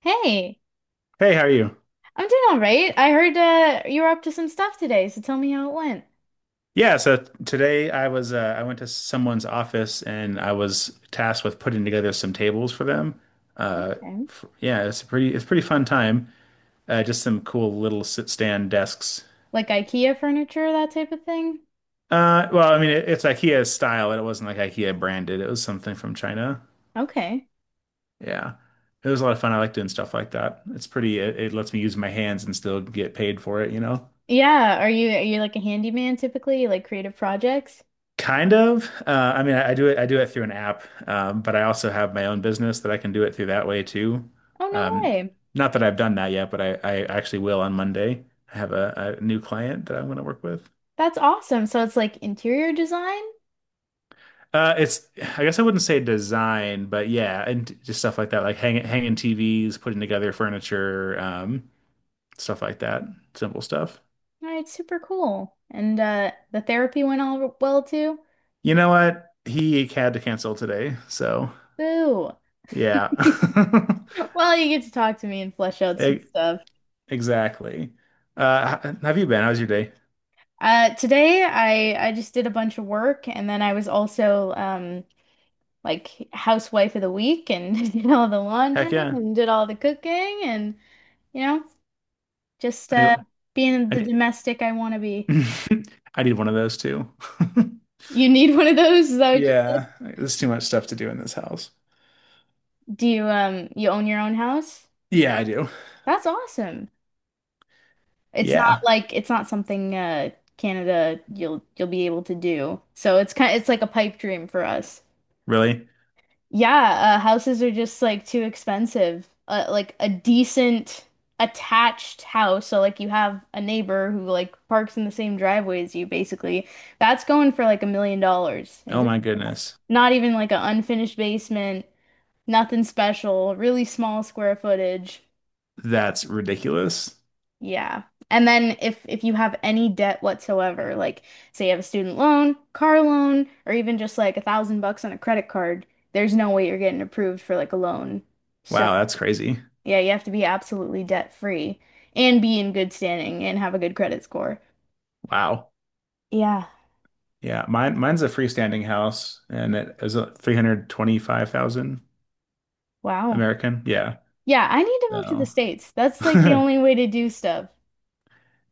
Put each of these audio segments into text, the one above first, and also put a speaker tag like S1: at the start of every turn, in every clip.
S1: Hey,
S2: Hey, how are you?
S1: I'm doing all right. I heard you were up to some stuff today, so tell me how it went.
S2: Yeah, so today I was I went to someone's office and I was tasked with putting together some tables for them. Uh,
S1: Okay.
S2: f Yeah, it's a pretty fun time. Just some cool little sit stand desks.
S1: Like IKEA furniture, that type of thing.
S2: Well, I mean it's IKEA style, but it wasn't like IKEA branded. It was something from China.
S1: Okay.
S2: Yeah, it was a lot of fun. I like doing stuff like that. It lets me use my hands and still get paid for it, you know?
S1: Yeah, are you like a handyman typically? You like creative projects?
S2: Kind of. I mean, I do it. I do it through an app, but I also have my own business that I can do it through that way too.
S1: Oh, no
S2: Um,
S1: way.
S2: not that I've done that yet, but I actually will on Monday. I have a new client that I'm going to work with.
S1: That's awesome. So it's like interior design?
S2: It's. I guess I wouldn't say design, but yeah, and just stuff like that, like hanging TVs, putting together furniture, stuff like that. Simple stuff.
S1: All right, super cool. And the therapy went all well too?
S2: You know what? He had to cancel today, so
S1: Boo.
S2: yeah.
S1: Well, you get to talk to me and flesh out some
S2: It,
S1: stuff.
S2: Exactly. Have you been? How's your day?
S1: Today I just did a bunch of work, and then I was also like housewife of the week and did all the laundry
S2: Heck yeah.
S1: and did all the cooking and you know just
S2: I need,
S1: being the
S2: I
S1: domestic I want to be.
S2: need, I need one of those too.
S1: You need one of those? Is that what you
S2: Yeah,
S1: said?
S2: there's too much stuff to do in this house.
S1: Do you you own your own house?
S2: Yeah, I do.
S1: That's awesome. It's not
S2: Yeah,
S1: like it's not something Canada you'll be able to do. So it's kind it's like a pipe dream for us.
S2: really?
S1: Yeah, houses are just like too expensive. Like a decent attached house, so like you have a neighbor who like parks in the same driveway as you, basically. That's going for like $1 million. And
S2: Oh
S1: just
S2: my goodness.
S1: not even like an unfinished basement, nothing special, really small square footage.
S2: That's ridiculous.
S1: Yeah. And then if you have any debt whatsoever, like say you have a student loan, car loan, or even just like 1,000 bucks on a credit card, there's no way you're getting approved for like a loan. So
S2: Wow, that's crazy.
S1: yeah, you have to be absolutely debt free and be in good standing and have a good credit score.
S2: Wow.
S1: Yeah.
S2: Yeah, mine's a freestanding house and it is a 325,000
S1: Wow.
S2: American. Yeah.
S1: Yeah, I need to move to the
S2: So,
S1: States. That's like the only way to do stuff.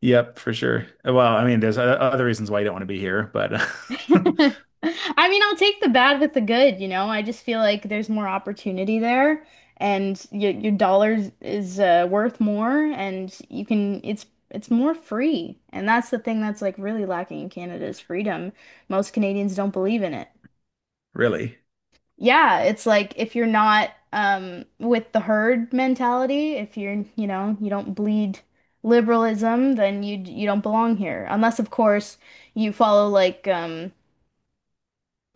S2: yep, for sure. Well, I mean, there's other reasons why you don't want to be here, but
S1: I mean, I'll take the bad with the good, you know. I just feel like there's more opportunity there, and your dollars is worth more, and you can it's more free. And that's the thing that's like really lacking in Canada is freedom. Most Canadians don't believe in it.
S2: really.
S1: Yeah, it's like if you're not with the herd mentality, if you're, you know, you don't bleed liberalism, then you don't belong here. Unless, of course, you follow like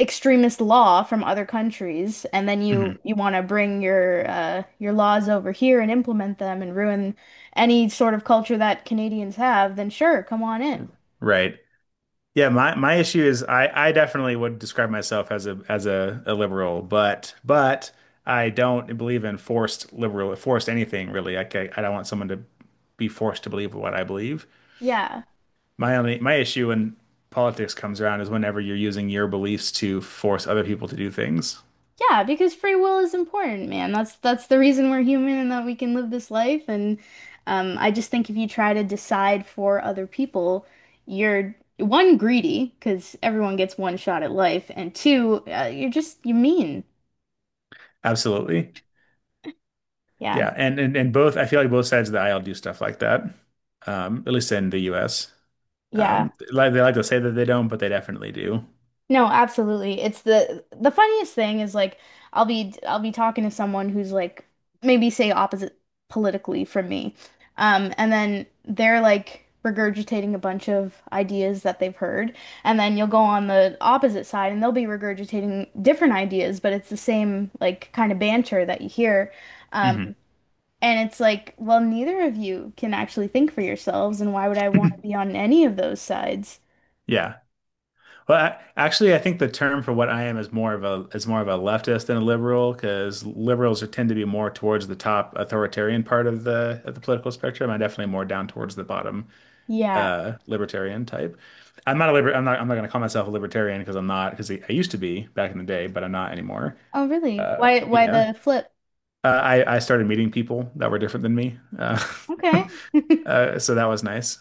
S1: extremist law from other countries, and then you
S2: Mhm.
S1: you want to bring your laws over here and implement them and ruin any sort of culture that Canadians have, then sure, come on in.
S2: Right. Yeah, my issue is I definitely would describe myself as a liberal, but I don't believe in forced anything really. Like I don't want someone to be forced to believe what I believe.
S1: Yeah.
S2: My issue when politics comes around is whenever you're using your beliefs to force other people to do things.
S1: Yeah, because free will is important, man. That's the reason we're human and that we can live this life. And I just think if you try to decide for other people, you're one greedy because everyone gets one shot at life, and two, you're just you're mean.
S2: Absolutely.
S1: Yeah,
S2: Yeah, and both I feel like both sides of the aisle do stuff like that. At least in the US.
S1: yeah.
S2: Like they like to say that they don't, but they definitely do.
S1: No, absolutely. It's the funniest thing is like I'll be talking to someone who's like maybe say opposite politically from me. And then they're like regurgitating a bunch of ideas that they've heard, and then you'll go on the opposite side and they'll be regurgitating different ideas, but it's the same like kind of banter that you hear. Um,
S2: Mhm.
S1: and it's like, well, neither of you can actually think for yourselves, and why would I want to be on any of those sides?
S2: Yeah. Well, actually, I think the term for what I am is more of a is more of a leftist than a liberal because liberals are, tend to be more towards the top authoritarian part of the political spectrum. I'm definitely more down towards the bottom
S1: Yeah.
S2: libertarian type. I'm not going to call myself a libertarian because I'm not because I used to be back in the day, but I'm not anymore.
S1: Oh, really?
S2: Uh,
S1: Why
S2: yeah.
S1: the flip?
S2: I started meeting people that were different than me,
S1: Okay.
S2: so that was nice.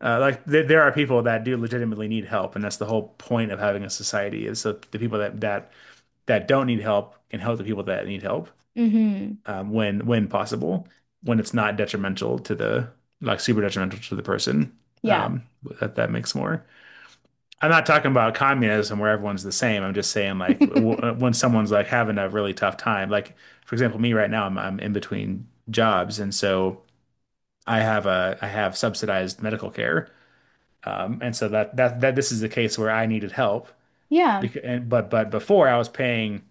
S2: Like there are people that do legitimately need help, and that's the whole point of having a society is so the people that don't need help can help the people that need help
S1: Mm-hmm.
S2: when possible, when it's not detrimental to the like super detrimental to the person.
S1: Yeah.
S2: Um, that that makes more. I'm not talking about communism where everyone's the same. I'm just saying like w when someone's like having a really tough time, like for example, me right now, I'm in between jobs, and so I have subsidized medical care. And so that that that this is the case where I needed help
S1: Yeah.
S2: because and, but before I was paying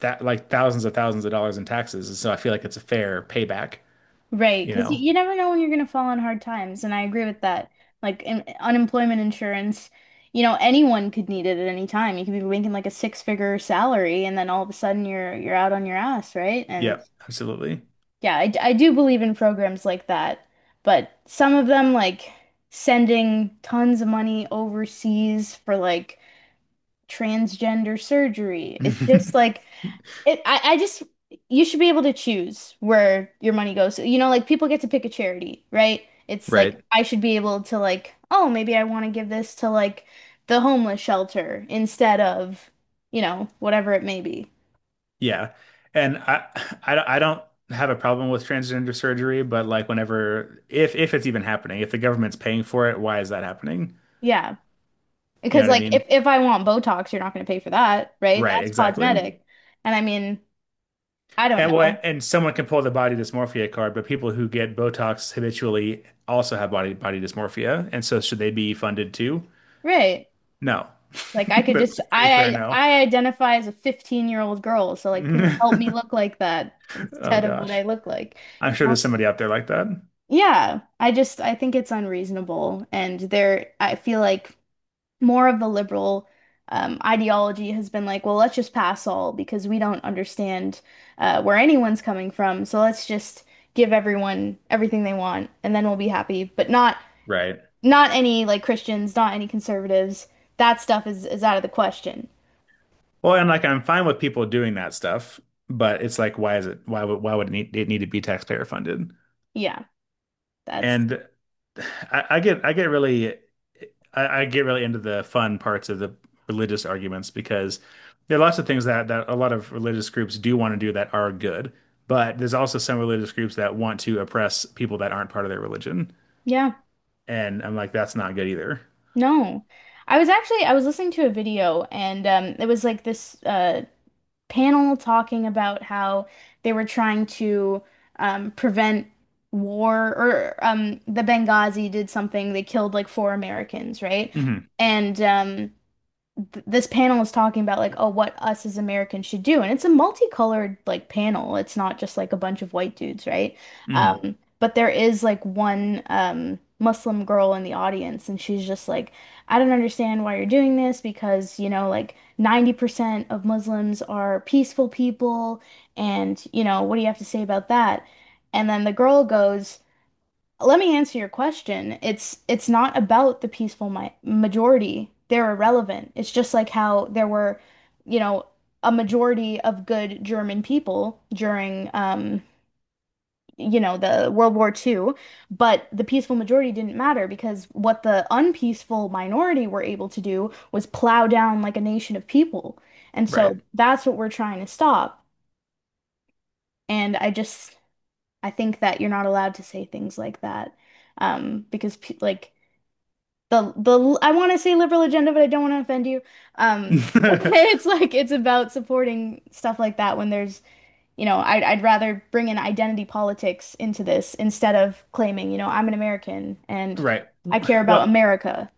S2: that like thousands of dollars in taxes, and so I feel like it's a fair payback,
S1: Right.
S2: you
S1: Because
S2: know?
S1: you never know when you're going to fall on hard times. And I agree with that. Like in, unemployment insurance, you know, anyone could need it at any time. You could be making like a six-figure salary, and then all of a sudden you're out on your ass, right? And
S2: Yeah, absolutely.
S1: yeah, I do believe in programs like that. But some of them like sending tons of money overseas for like transgender surgery. It's just like I just, you should be able to choose where your money goes. You know, like people get to pick a charity, right? It's like
S2: Right.
S1: I should be able to like, oh, maybe I want to give this to like the homeless shelter instead of, you know, whatever it may be.
S2: Yeah. And I don't have a problem with transgender surgery, but like whenever if it's even happening, if the government's paying for it, why is that happening?
S1: Yeah.
S2: You know
S1: Because
S2: what I
S1: like
S2: mean?
S1: if I want Botox, you're not going to pay for that, right?
S2: Right,
S1: That's
S2: exactly.
S1: cosmetic. And I mean, I don't
S2: And what
S1: know.
S2: and someone can pull the body dysmorphia card, but people who get Botox habitually also have body dysmorphia. And so should they be funded too?
S1: Right.
S2: No.
S1: Like I could just
S2: That's pretty clear no.
S1: I identify as a 15-year-old girl, so like please help me look like that
S2: Oh
S1: instead of what
S2: gosh.
S1: I look like.
S2: I'm sure there's somebody out there like that.
S1: Yeah, I just I think it's unreasonable, and there I feel like more of the liberal ideology has been like, well, let's just pass all because we don't understand where anyone's coming from, so let's just give everyone everything they want, and then we'll be happy. But not
S2: Right.
S1: not any like Christians, not any conservatives. That stuff is out of the question.
S2: Well, and like I'm fine with people doing that stuff, but it's like why would it need to be taxpayer funded?
S1: Yeah, that's
S2: And I, I get I get really I get really into the fun parts of the religious arguments because there are lots of things that that a lot of religious groups do want to do that are good, but there's also some religious groups that want to oppress people that aren't part of their religion.
S1: yeah,
S2: And I'm like, that's not good either.
S1: no. I was actually I was listening to a video, and it was like this panel talking about how they were trying to prevent war, or the Benghazi did something. They killed like four Americans, right?
S2: Hmm.
S1: And th this panel is talking about like, oh, what us as Americans should do, and it's a multicolored like panel. It's not just like a bunch of white dudes, right?
S2: Hmm.
S1: But there is like one Muslim girl in the audience, and she's just like, I don't understand why you're doing this because, you know, like 90% of Muslims are peaceful people, and you know, what do you have to say about that? And then the girl goes, let me answer your question. It's not about the peaceful mi majority. They're irrelevant. It's just like how there were, you know, a majority of good German people during you know, the World War II, but the peaceful majority didn't matter because what the unpeaceful minority were able to do was plow down like a nation of people. And
S2: Right.
S1: so that's what we're trying to stop. And I just I think that you're not allowed to say things like that because like the I want to say liberal agenda, but I don't want to offend you. Um, it's like it's about supporting stuff like that when there's, you know, I'd rather bring in identity politics into this instead of claiming, you know, I'm an American and
S2: Right.
S1: I care about
S2: Well,
S1: America.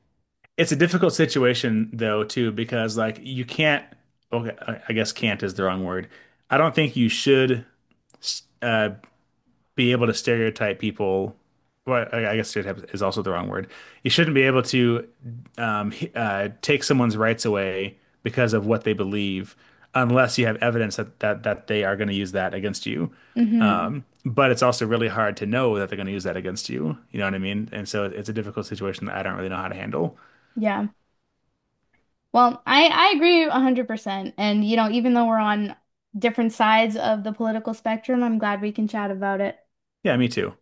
S2: it's a difficult situation though too because like you can't okay, I guess can't is the wrong word. I don't think you should uh be able to stereotype people. Well, I guess stereotype is also the wrong word. You shouldn't be able to take someone's rights away because of what they believe, unless you have evidence that they are going to use that against you.
S1: Hmm.
S2: But it's also really hard to know that they're going to use that against you. You know what I mean? And so it's a difficult situation that I don't really know how to handle.
S1: Yeah. Well, I agree 100%. And you know, even though we're on different sides of the political spectrum, I'm glad we can chat about it.
S2: Yeah, me too.